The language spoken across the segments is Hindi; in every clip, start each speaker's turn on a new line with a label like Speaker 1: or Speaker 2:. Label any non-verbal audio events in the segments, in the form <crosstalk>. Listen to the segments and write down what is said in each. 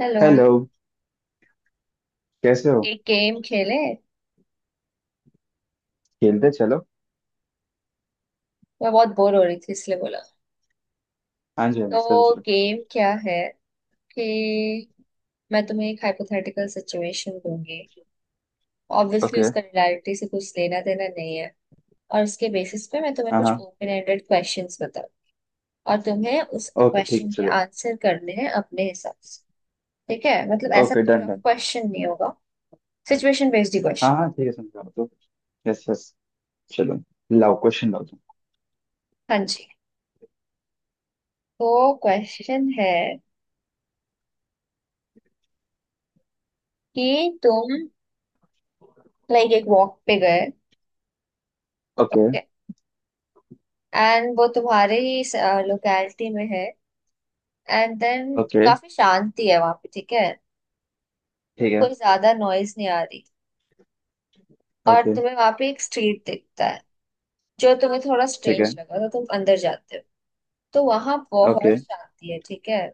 Speaker 1: हेलो।
Speaker 2: हेलो। कैसे हो?
Speaker 1: एक गेम खेले।
Speaker 2: खेलते हैं, चलो।
Speaker 1: मैं बहुत बोर हो रही थी इसलिए बोला।
Speaker 2: हाँ जी, हाँ जी, चलो
Speaker 1: तो
Speaker 2: चलो।
Speaker 1: गेम क्या है कि मैं तुम्हें एक हाइपोथेटिकल सिचुएशन दूंगी। Obviously
Speaker 2: okay.
Speaker 1: उसका रियलिटी से कुछ लेना देना नहीं है, और उसके बेसिस पे मैं तुम्हें
Speaker 2: हाँ
Speaker 1: कुछ
Speaker 2: हाँ।
Speaker 1: ओपन एंडेड क्वेश्चंस बताऊँ, और तुम्हें उस
Speaker 2: ओके ठीक है,
Speaker 1: क्वेश्चन के
Speaker 2: चलो।
Speaker 1: आंसर करने हैं अपने हिसाब से। ठीक है, मतलब ऐसा
Speaker 2: ओके,
Speaker 1: कोई
Speaker 2: डन
Speaker 1: टफ
Speaker 2: डन।
Speaker 1: क्वेश्चन नहीं होगा। सिचुएशन बेस्ड ही
Speaker 2: हाँ
Speaker 1: क्वेश्चन।
Speaker 2: हाँ ठीक है, समझा तो। Yes yes. चलो, लाओ क्वेश्चन लाओ तुम।
Speaker 1: हाँ जी, तो क्वेश्चन है कि तुम लाइक एक वॉक पे गए।
Speaker 2: ओके।
Speaker 1: ओके, एंड वो तुम्हारे ही लोकैलिटी में है, एंड देन
Speaker 2: ओके
Speaker 1: काफी शांति है वहां पे, ठीक है।
Speaker 2: ठीक है।
Speaker 1: कोई ज्यादा नॉइज नहीं आ रही, और
Speaker 2: ओके
Speaker 1: तुम्हें वहां पे एक स्ट्रीट दिखता है जो तुम्हें थोड़ा
Speaker 2: ठीक है।
Speaker 1: स्ट्रेंज लगा, तो तुम अंदर जाते हो। तो वहां
Speaker 2: ओके।
Speaker 1: बहुत शांति है, ठीक है।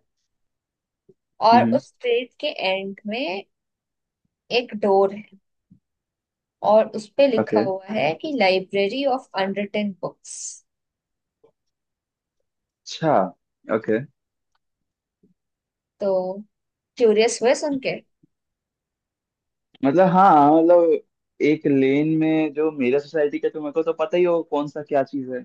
Speaker 1: और
Speaker 2: हम्म।
Speaker 1: उस स्ट्रीट के एंड में एक डोर है, और उस पे लिखा
Speaker 2: ओके।
Speaker 1: हुआ है कि लाइब्रेरी ऑफ अनरिटन बुक्स।
Speaker 2: अच्छा। ओके।
Speaker 1: तो क्यूरियस हुए सुन के।
Speaker 2: मतलब हाँ, मतलब एक लेन में जो मेरा सोसाइटी का तुम्हें को तो पता ही हो कौन सा क्या चीज़ है।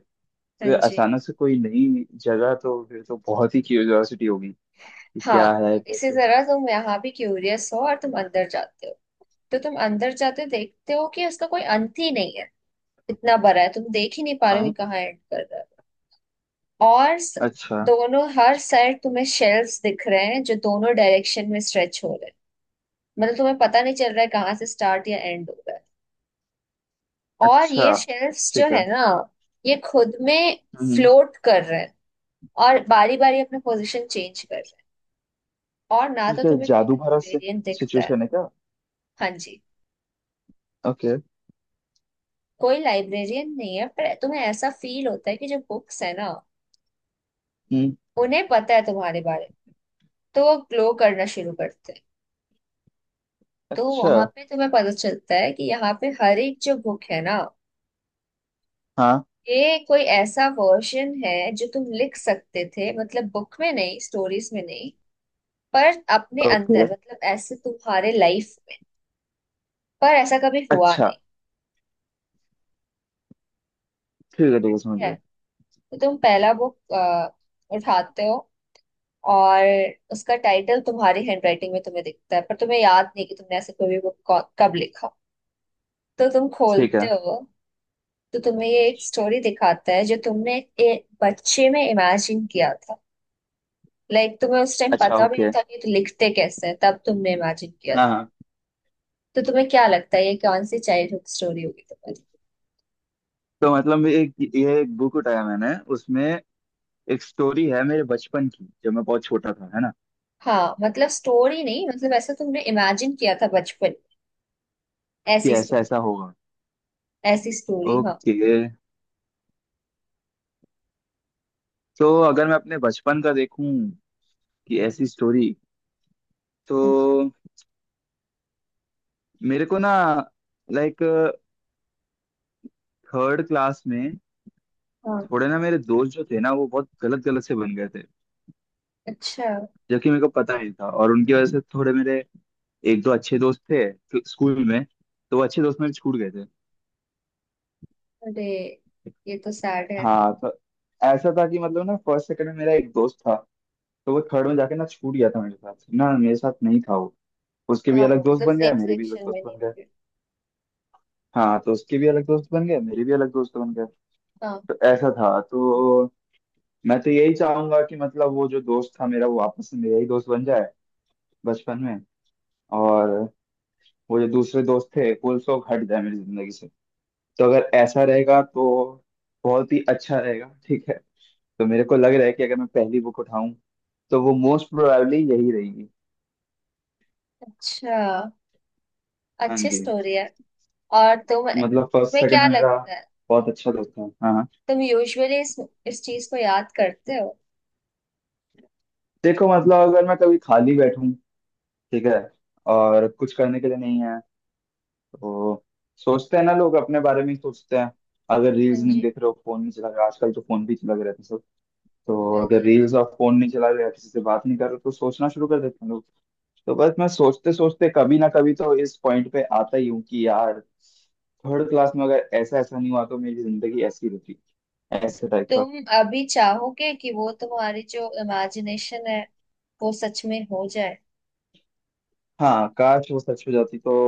Speaker 1: हाँ
Speaker 2: तो
Speaker 1: जी।
Speaker 2: अचानक से कोई नई जगह तो फिर तो बहुत ही क्यूरियोसिटी होगी कि
Speaker 1: हाँ,
Speaker 2: क्या है,
Speaker 1: तो इसी
Speaker 2: कैसे है।
Speaker 1: तरह तुम यहाँ भी क्यूरियस हो और तुम अंदर जाते हो। तो तुम अंदर जाते देखते हो कि उसका कोई अंत ही नहीं है। इतना बड़ा है तुम देख ही नहीं पा रहे हो कि
Speaker 2: हाँ।
Speaker 1: कहाँ एंड कर रहा है। और स-
Speaker 2: अच्छा।
Speaker 1: दोनों हर साइड तुम्हें शेल्व्स दिख रहे हैं जो दोनों डायरेक्शन में स्ट्रेच हो रहे हैं। मतलब तुम्हें पता नहीं चल रहा है कहाँ से स्टार्ट या एंड हो रहा है। और ये
Speaker 2: अच्छा
Speaker 1: शेल्व्स जो
Speaker 2: ठीक है।
Speaker 1: है ना, ये खुद में
Speaker 2: हम्म।
Speaker 1: फ्लोट कर रहे हैं और बारी बारी अपना पोजीशन चेंज कर रहे हैं, और ना तो
Speaker 2: ठीक है,
Speaker 1: तुम्हें कोई
Speaker 2: जादू भरा से
Speaker 1: लाइब्रेरियन दिखता है।
Speaker 2: सिचुएशन है क्या।
Speaker 1: हाँ जी।
Speaker 2: ओके।
Speaker 1: कोई लाइब्रेरियन नहीं है, पर तुम्हें ऐसा फील होता है कि जो बुक्स है ना,
Speaker 2: हम्म।
Speaker 1: उन्हें पता है तुम्हारे बारे में, तो वो ग्लो करना शुरू करते हैं। तो
Speaker 2: अच्छा।
Speaker 1: वहां पे तुम्हें पता चलता है कि यहाँ पे हर एक जो बुक है ना,
Speaker 2: हाँ।
Speaker 1: ये कोई ऐसा वर्जन है जो तुम लिख सकते थे। मतलब बुक में नहीं, स्टोरीज में नहीं, पर अपने
Speaker 2: ओके।
Speaker 1: अंदर, मतलब ऐसे तुम्हारे लाइफ में, पर ऐसा कभी हुआ
Speaker 2: अच्छा,
Speaker 1: नहीं
Speaker 2: ठीक है ठीक है, समझ
Speaker 1: है।
Speaker 2: गया।
Speaker 1: तो तुम पहला बुक उठाते हो और उसका टाइटल तुम्हारी हैंडराइटिंग में तुम्हें दिखता है, पर तुम्हें याद नहीं कि तुमने ऐसे कोई भी बुक कब लिखा। तो तुम
Speaker 2: ठीक
Speaker 1: खोलते
Speaker 2: है।
Speaker 1: हो, तो तुम्हें ये एक स्टोरी दिखाता है जो तुमने एक बच्चे में इमेजिन किया था। लाइक तुम्हें उस टाइम
Speaker 2: अच्छा
Speaker 1: पता भी नहीं
Speaker 2: ओके।
Speaker 1: था कि तो लिखते कैसे हैं, तब तुमने इमेजिन किया
Speaker 2: हाँ
Speaker 1: था।
Speaker 2: हाँ।
Speaker 1: तो तुम्हें क्या लगता है ये कौन सी चाइल्डहुड स्टोरी होगी तुम्हारी?
Speaker 2: तो मतलब एक, ये एक बुक उठाया मैंने, उसमें एक स्टोरी है मेरे बचपन की जब मैं बहुत छोटा था, है ना।
Speaker 1: हाँ मतलब स्टोरी नहीं, मतलब ऐसा तुमने इमेजिन किया था बचपन,
Speaker 2: कि
Speaker 1: ऐसी
Speaker 2: ऐसा
Speaker 1: स्टोरी।
Speaker 2: ऐसा होगा।
Speaker 1: ऐसी स्टोरी, हाँ।
Speaker 2: ओके। तो अगर मैं अपने बचपन का देखूं कि ऐसी स्टोरी, तो
Speaker 1: हाँ जी।
Speaker 2: मेरे को ना, लाइक थर्ड क्लास में
Speaker 1: हाँ।
Speaker 2: थोड़े ना मेरे दोस्त जो थे ना वो बहुत गलत गलत से बन गए थे।
Speaker 1: अच्छा।
Speaker 2: जबकि मेरे को पता नहीं था, और उनकी वजह से थोड़े मेरे एक दो अच्छे दोस्त थे स्कूल में। तो वो अच्छे दोस्त मेरे छूट गए थे।
Speaker 1: अरे, ये तो सैड है।
Speaker 2: हाँ, तो ऐसा था कि मतलब ना फर्स्ट सेकंड में मेरा एक दोस्त था। तो वो थर्ड में जाके ना छूट गया था मेरे साथ। ना मेरे साथ नहीं था वो। उसके भी
Speaker 1: हाँ
Speaker 2: अलग
Speaker 1: हाँ,
Speaker 2: दोस्त
Speaker 1: मतलब
Speaker 2: बन गए,
Speaker 1: सेम
Speaker 2: मेरे भी अलग
Speaker 1: सेक्शन
Speaker 2: दोस्त
Speaker 1: में नहीं
Speaker 2: बन गए।
Speaker 1: होगी।
Speaker 2: हाँ, तो उसके भी अलग दोस्त बन गए, मेरे भी अलग दोस्त बन गए।
Speaker 1: हाँ।
Speaker 2: तो ऐसा था, तो मैं तो यही चाहूंगा कि मतलब वो जो दोस्त था मेरा वो वापस से मेरा ही दोस्त बन जाए बचपन में। और वो जो दूसरे दोस्त थे वो सब हट जाए मेरी जिंदगी से। तो अगर ऐसा रहेगा तो बहुत ही अच्छा रहेगा, ठीक है। तो मेरे को लग रहा है कि अगर मैं पहली बुक उठाऊं, तो वो मोस्ट प्रोबेबली यही रहेगी।
Speaker 1: अच्छा।
Speaker 2: हाँ
Speaker 1: अच्छी
Speaker 2: जी।
Speaker 1: स्टोरी है। और तुम
Speaker 2: मतलब फर्स्ट
Speaker 1: तुम्हें
Speaker 2: सेकंड
Speaker 1: क्या
Speaker 2: में मेरा
Speaker 1: लगता है,
Speaker 2: बहुत अच्छा दोस्त था, हाँ हाँ।
Speaker 1: तुम यूजुअली इस चीज को याद करते हो?
Speaker 2: देखो मतलब अगर मैं कभी खाली बैठूं, ठीक है, और कुछ करने के लिए नहीं है, तो सोचते हैं ना, लोग अपने बारे में ही सोचते हैं। अगर
Speaker 1: हाँ
Speaker 2: रील्स नहीं
Speaker 1: जी
Speaker 2: देख रहे हो, फोन नहीं चला रहे हो, आजकल तो फोन भी चला रहे हैं। तो
Speaker 1: हाँ
Speaker 2: अगर
Speaker 1: जी हाँ
Speaker 2: रील्स
Speaker 1: जी।
Speaker 2: और फोन नहीं चला रहे या किसी से बात नहीं कर रहे तो सोचना शुरू कर देते हैं लोग। तो बस मैं सोचते सोचते कभी ना कभी तो इस पॉइंट पे आता ही हूँ कि यार, थर्ड क्लास में अगर ऐसा ऐसा नहीं हुआ तो मेरी जिंदगी ऐसी होती, ऐसे टाइप का।
Speaker 1: तुम अभी चाहोगे कि वो तुम्हारी जो इमेजिनेशन है, वो सच में हो जाए?
Speaker 2: हाँ, काश वो सच हो जाती तो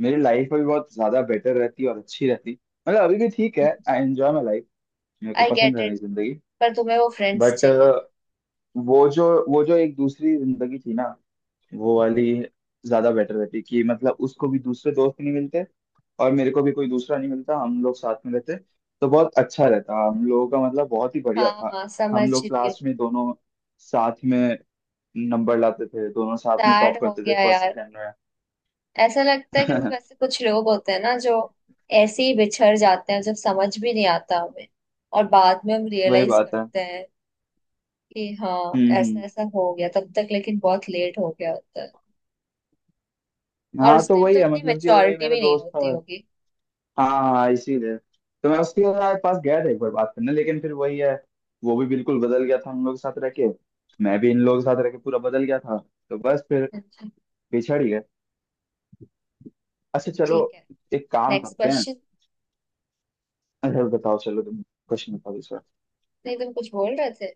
Speaker 2: मेरी लाइफ भी बहुत ज्यादा बेटर रहती और अच्छी रहती। मतलब अभी भी ठीक
Speaker 1: हम्म,
Speaker 2: है। I enjoy my life. मेरे को
Speaker 1: आई
Speaker 2: पसंद
Speaker 1: गेट
Speaker 2: है
Speaker 1: इट,
Speaker 2: मेरी जिंदगी।
Speaker 1: पर तुम्हें वो फ्रेंड्स
Speaker 2: बट
Speaker 1: चाहिए थे।
Speaker 2: वो जो वो जो एक दूसरी जिंदगी थी ना, वो वाली ज्यादा बेटर रहती, कि मतलब उसको भी दूसरे दोस्त नहीं मिलते और मेरे को भी कोई दूसरा नहीं मिलता, हम लोग साथ में रहते। तो बहुत अच्छा रहता हम लोगों का, मतलब बहुत ही बढ़िया
Speaker 1: हाँ
Speaker 2: था।
Speaker 1: हाँ
Speaker 2: हम
Speaker 1: समझ
Speaker 2: लोग
Speaker 1: रही हूँ।
Speaker 2: क्लास में दोनों साथ में नंबर लाते थे, दोनों साथ में
Speaker 1: सैड
Speaker 2: टॉप
Speaker 1: हो
Speaker 2: करते थे
Speaker 1: गया
Speaker 2: फर्स्ट
Speaker 1: यार।
Speaker 2: सेकंड
Speaker 1: ऐसा लगता है कि मतलब
Speaker 2: में।
Speaker 1: ऐसे कुछ लोग होते हैं ना जो ऐसे ही बिछड़ जाते हैं जब समझ भी नहीं आता हमें, और बाद में हम
Speaker 2: <laughs> वही
Speaker 1: रियलाइज
Speaker 2: बात है।
Speaker 1: करते हैं कि हाँ ऐसा
Speaker 2: हम्म।
Speaker 1: ऐसा हो गया, तब तक लेकिन बहुत लेट हो गया होता है। और
Speaker 2: हाँ
Speaker 1: उस
Speaker 2: तो
Speaker 1: टाइम
Speaker 2: वही
Speaker 1: तो
Speaker 2: है,
Speaker 1: इतनी
Speaker 2: मतलब कि वही
Speaker 1: मेच्योरिटी
Speaker 2: मेरा
Speaker 1: भी नहीं
Speaker 2: दोस्त
Speaker 1: होती
Speaker 2: था।
Speaker 1: होगी।
Speaker 2: हाँ, हाँ इसीलिए तो मैं उसके यार पास गया था एक बार बात करने, लेकिन फिर वही है। वो भी बिल्कुल बदल गया था हम लोग के साथ रह के, मैं भी इन लोगों के साथ रह के पूरा बदल गया था। तो बस फिर
Speaker 1: अच्छा,
Speaker 2: पिछड़ ही गए। अच्छा चलो,
Speaker 1: ठीक है।
Speaker 2: एक काम
Speaker 1: नेक्स्ट
Speaker 2: करते हैं।
Speaker 1: क्वेश्चन।
Speaker 2: अच्छा बताओ, चलो तुम क्वेश्चन बताओ इस बार।
Speaker 1: नहीं तुम कुछ बोल रहे थे।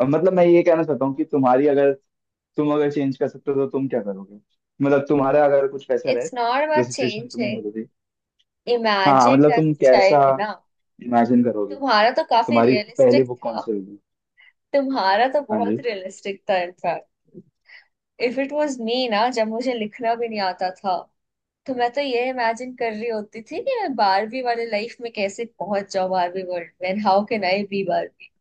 Speaker 2: अब मतलब मैं ये कहना चाहता हूँ कि तुम्हारी अगर, तुम अगर चेंज कर सकते हो तो तुम क्या करोगे, मतलब तुम्हारा अगर कुछ ऐसा रहे
Speaker 1: इट्स नॉट
Speaker 2: जो
Speaker 1: अबाउट
Speaker 2: सिचुएशन
Speaker 1: चेंज,
Speaker 2: तुमने बदली। हाँ,
Speaker 1: इमेजिन्ड
Speaker 2: मतलब
Speaker 1: एज
Speaker 2: तुम
Speaker 1: अ
Speaker 2: कैसा
Speaker 1: चाइल्ड ना।
Speaker 2: इमेजिन करोगे,
Speaker 1: तुम्हारा तो काफी
Speaker 2: तुम्हारी पहली
Speaker 1: रियलिस्टिक
Speaker 2: बुक कौन
Speaker 1: था।
Speaker 2: सी होगी।
Speaker 1: तुम्हारा तो
Speaker 2: हाँ
Speaker 1: बहुत
Speaker 2: जी।
Speaker 1: रियलिस्टिक था in fact. If it was me ना, जब मुझे लिखना भी नहीं आता था, तो मैं तो ये इमेजिन कर रही होती थी कि मैं बारहवीं वाले लाइफ में कैसे पहुंच जाऊं, बारहवीं वर्ल्ड में, हाउ कैन आई बी बारहवीं।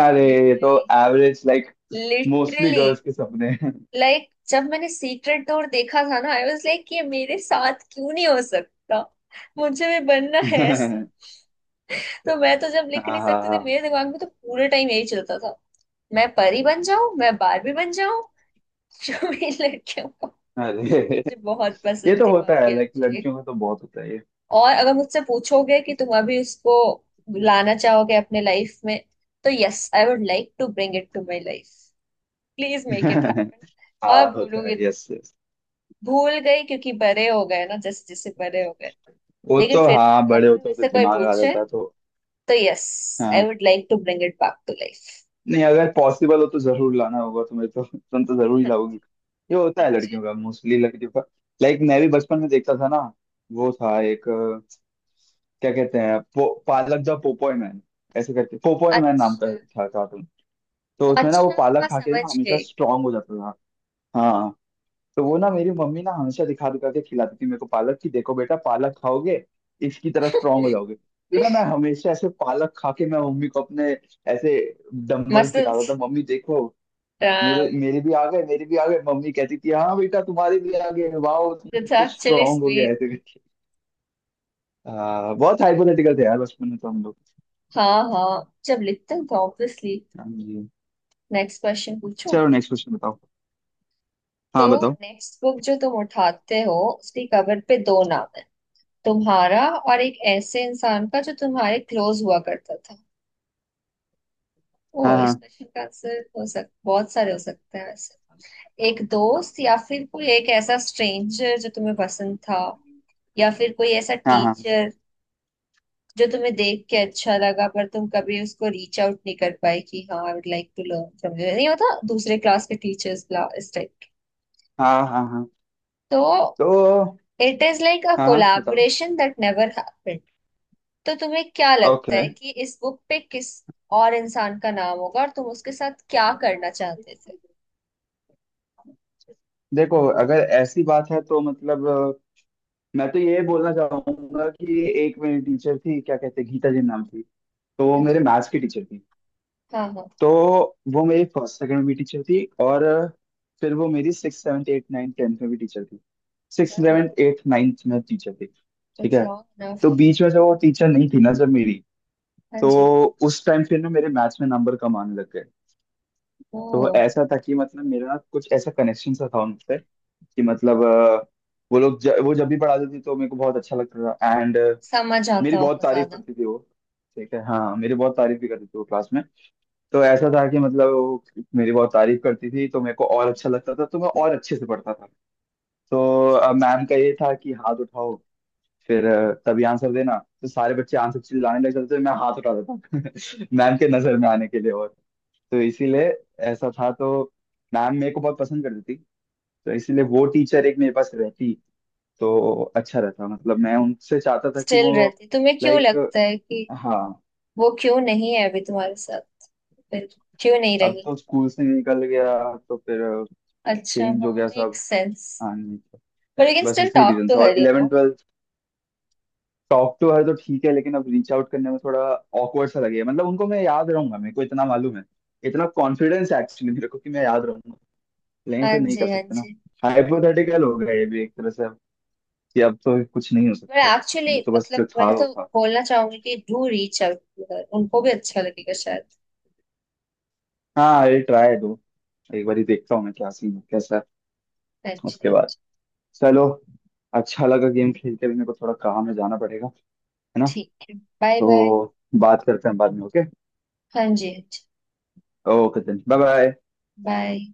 Speaker 2: अरे, ये तो
Speaker 1: literally.
Speaker 2: Average like mostly
Speaker 1: literally,
Speaker 2: girls के सपने हैं।
Speaker 1: लाइक जब मैंने सीक्रेट डोर देखा था ना, आई वाज लाइक ये मेरे साथ क्यों नहीं हो सकता, मुझे भी बनना है ऐसा।
Speaker 2: <laughs>
Speaker 1: तो मैं तो जब
Speaker 2: हाँ
Speaker 1: लिख नहीं
Speaker 2: हाँ
Speaker 1: सकती थी,
Speaker 2: हाँ।
Speaker 1: मेरे दिमाग में तो पूरे टाइम यही चलता था, मैं परी बन जाऊं, मैं बारबी बन जाऊं। <laughs> जो भी लड़कियों का।
Speaker 2: अरे
Speaker 1: मुझे बहुत
Speaker 2: ये
Speaker 1: पसंद
Speaker 2: तो
Speaker 1: थी
Speaker 2: होता
Speaker 1: बारबी
Speaker 2: है, लाइक
Speaker 1: एक्चुअली।
Speaker 2: लड़कियों में तो बहुत होता है ये।
Speaker 1: और अगर मुझसे पूछोगे कि तुम अभी उसको लाना चाहोगे अपने लाइफ में, तो yes, I would like to bring it to my life, please make it happen.
Speaker 2: <laughs>
Speaker 1: और
Speaker 2: हाँ होता है,
Speaker 1: भूलूंगी,
Speaker 2: यस यस।
Speaker 1: भूल गई क्योंकि बड़े हो गए ना, जैसे जैसे बड़े हो गए।
Speaker 2: वो
Speaker 1: लेकिन
Speaker 2: तो
Speaker 1: फिर भी
Speaker 2: हाँ, बड़े
Speaker 1: अभी भी
Speaker 2: होते होते
Speaker 1: मुझसे कोई
Speaker 2: दिमाग आ
Speaker 1: पूछे,
Speaker 2: जाता है तो।
Speaker 1: तो यस, आई
Speaker 2: हाँ,
Speaker 1: would like to bring it back to life.
Speaker 2: नहीं अगर पॉसिबल हो तो जरूर लाना होगा तुम्हें तो। <laughs> तुम तो जरूर ही लाओगी। ये होता है लड़कियों का, मोस्टली लड़कियों का। लाइक मैं भी बचपन में देखता था ना, वो था एक क्या कहते हैं, पालक द पोपोय मैन, ऐसे करके पोपोय मैन नाम
Speaker 1: अच्छा।
Speaker 2: का था। तो उसमें ना वो
Speaker 1: अच्छा,
Speaker 2: पालक
Speaker 1: हाँ
Speaker 2: खा के ना
Speaker 1: समझ
Speaker 2: हमेशा
Speaker 1: गई।
Speaker 2: स्ट्रांग हो जाता था। हाँ। तो वो ना मेरी मम्मी ना हमेशा दिखा दिखा के खिलाती थी मेरे को पालक की, देखो बेटा पालक खाओगे इसकी तरह स्ट्रांग हो जाओगे। तो ना मैं हमेशा ऐसे पालक खा के मैं मम्मी को अपने ऐसे डंबल दिखाता
Speaker 1: मसल्स।
Speaker 2: था, मम्मी देखो मेरे मेरे भी आ गए, मेरे भी आ गए। मम्मी कहती थी हाँ बेटा तुम्हारे भी आ गए, वाह तुम
Speaker 1: इट्स
Speaker 2: तो
Speaker 1: एक्चुअली
Speaker 2: स्ट्रांग हो गया,
Speaker 1: स्वीट।
Speaker 2: ऐसे करके। हाँ, बहुत हाइपोथेटिकल थे यार बचपन में तो हम लोग।
Speaker 1: हाँ हाँ, जब लिखते हो तो ऑब्वियसली।
Speaker 2: हाँ जी।
Speaker 1: नेक्स्ट क्वेश्चन पूछो।
Speaker 2: चलो नेक्स्ट क्वेश्चन बताओ।
Speaker 1: तो
Speaker 2: हाँ बताओ।
Speaker 1: नेक्स्ट बुक जो तुम उठाते हो, उसकी कवर पे दो नाम है, तुम्हारा और एक ऐसे इंसान का जो तुम्हारे क्लोज हुआ करता था। ओ
Speaker 2: हाँ
Speaker 1: इसमें शिनकानसेन हो सक बहुत सारे हो सकते हैं वैसे। एक दोस्त, या फिर कोई एक ऐसा स्ट्रेंजर जो तुम्हें पसंद था, या फिर कोई ऐसा
Speaker 2: हाँ हाँ। हाँ
Speaker 1: टीचर जो तुम्हें देख के अच्छा लगा पर तुम कभी उसको रीच आउट नहीं कर पाए कि हाँ I would like to learn from you. नहीं होता दूसरे क्लास के टीचर्स, इस टाइप के।
Speaker 2: हाँ हाँ। हाँ
Speaker 1: तो
Speaker 2: तो।
Speaker 1: इट इज लाइक अ
Speaker 2: हाँ हाँ बताओ।
Speaker 1: Collaboration that never happened. तो तुम्हें क्या लगता
Speaker 2: ओके।
Speaker 1: है कि इस बुक पे किस और इंसान का नाम होगा और तुम उसके साथ क्या करना चाहते थे?
Speaker 2: देखो अगर ऐसी बात है तो मतलब मैं तो ये बोलना चाहूंगा कि एक मेरी टीचर थी, क्या कहते हैं, गीता जी नाम थी। तो वो
Speaker 1: हाँ
Speaker 2: मेरे
Speaker 1: जी।
Speaker 2: मैथ्स की टीचर थी।
Speaker 1: हाँ
Speaker 2: तो वो मेरी फर्स्ट सेकंड में भी टीचर थी, और फिर वो मेरी six seventh eight ninth tenth में भी टीचर थी। सिक्स
Speaker 1: हाँ।
Speaker 2: सेवन्थ एट नाइन्थ में टीचर थी। ठीक
Speaker 1: इट्स
Speaker 2: है।
Speaker 1: लॉन्ग
Speaker 2: तो
Speaker 1: इनफ।
Speaker 2: बीच में जब वो टीचर नहीं थी ना, जब मेरी,
Speaker 1: हाँ
Speaker 2: तो
Speaker 1: जी।
Speaker 2: उस टाइम फिर ना मेरे मैथ्स में नंबर कम आने लग गए। तो
Speaker 1: ओ,
Speaker 2: ऐसा था कि मतलब मेरा कुछ ऐसा कनेक्शन सा था उनसे, कि मतलब वो लोग वो जब भी पढ़ाते थे तो मेरे को बहुत अच्छा लगता था। एंड
Speaker 1: समझ
Speaker 2: मेरी
Speaker 1: आता
Speaker 2: बहुत
Speaker 1: होगा
Speaker 2: तारीफ
Speaker 1: ज्यादा।
Speaker 2: करती थी वो। ठीक है, हाँ, मेरी बहुत तारीफ भी करती थी वो क्लास में। तो ऐसा था कि मतलब वो मेरी बहुत तारीफ करती थी तो मेरे को और अच्छा लगता था तो मैं और अच्छे से पढ़ता था। तो
Speaker 1: अच्छा।
Speaker 2: मैम का ये था कि हाथ उठाओ, फिर तभी आंसर देना। तो सारे बच्चे आंसर चिल्लाने लग जाते थे, मैं हाथ उठाता था <laughs> मैम के नजर में आने के लिए, और तो इसीलिए ऐसा था, तो मैम मेरे को बहुत पसंद करती थी। तो इसीलिए वो टीचर एक मेरे पास रहती तो अच्छा रहता, मतलब मैं उनसे चाहता था कि
Speaker 1: स्टिल
Speaker 2: वो।
Speaker 1: रहती, तुम्हें क्यों
Speaker 2: लाइक।
Speaker 1: लगता है कि
Speaker 2: हाँ।
Speaker 1: वो क्यों नहीं है अभी तुम्हारे साथ, फिर क्यों नहीं
Speaker 2: अब
Speaker 1: रही?
Speaker 2: तो स्कूल से निकल गया तो फिर
Speaker 1: अच्छा
Speaker 2: चेंज हो
Speaker 1: हाँ,
Speaker 2: गया
Speaker 1: मेक
Speaker 2: सब।
Speaker 1: सेंस।
Speaker 2: हाँ, नहीं तो
Speaker 1: पर यू कैन
Speaker 2: बस
Speaker 1: स्टिल
Speaker 2: इसी
Speaker 1: टॉक
Speaker 2: रीजन
Speaker 1: टू
Speaker 2: से, और
Speaker 1: her, you
Speaker 2: eleven
Speaker 1: no.
Speaker 2: Twelfth. Talk to her तो ठीक है, लेकिन अब रीच आउट करने में थोड़ा ऑकवर्ड सा लगेगा। मतलब उनको मैं याद रहूंगा, मेरे को इतना मालूम है, इतना कॉन्फिडेंस एक्चुअली मेरे को कि मैं याद रहूंगा। लेकिन
Speaker 1: हाँ
Speaker 2: फिर नहीं कर
Speaker 1: जी हाँ
Speaker 2: सकते ना।
Speaker 1: जी।
Speaker 2: हाइपोथेटिकल हो गया ये भी एक तरह से, कि अब तो कुछ नहीं हो
Speaker 1: पर
Speaker 2: सकता,
Speaker 1: एक्चुअली
Speaker 2: वो तो बस जो
Speaker 1: मतलब
Speaker 2: था
Speaker 1: मैं
Speaker 2: वो
Speaker 1: तो
Speaker 2: था।
Speaker 1: बोलना चाहूंगी कि do reach out to her, उनको भी अच्छा लगेगा शायद।
Speaker 2: हाँ ये ट्राई दो, एक बार ही देखता हूँ मैं क्या सीन है, कैसा है।
Speaker 1: हाँ जी
Speaker 2: उसके
Speaker 1: हाँ,
Speaker 2: बाद चलो। अच्छा लगा गेम खेल के, भी मेरे को थोड़ा काम में जाना पड़ेगा, है ना।
Speaker 1: ठीक है, बाय बाय।
Speaker 2: तो बात करते हैं बाद में, ओके।
Speaker 1: हाँ जी हाँ जी।
Speaker 2: Okay then, bye bye.
Speaker 1: Bye.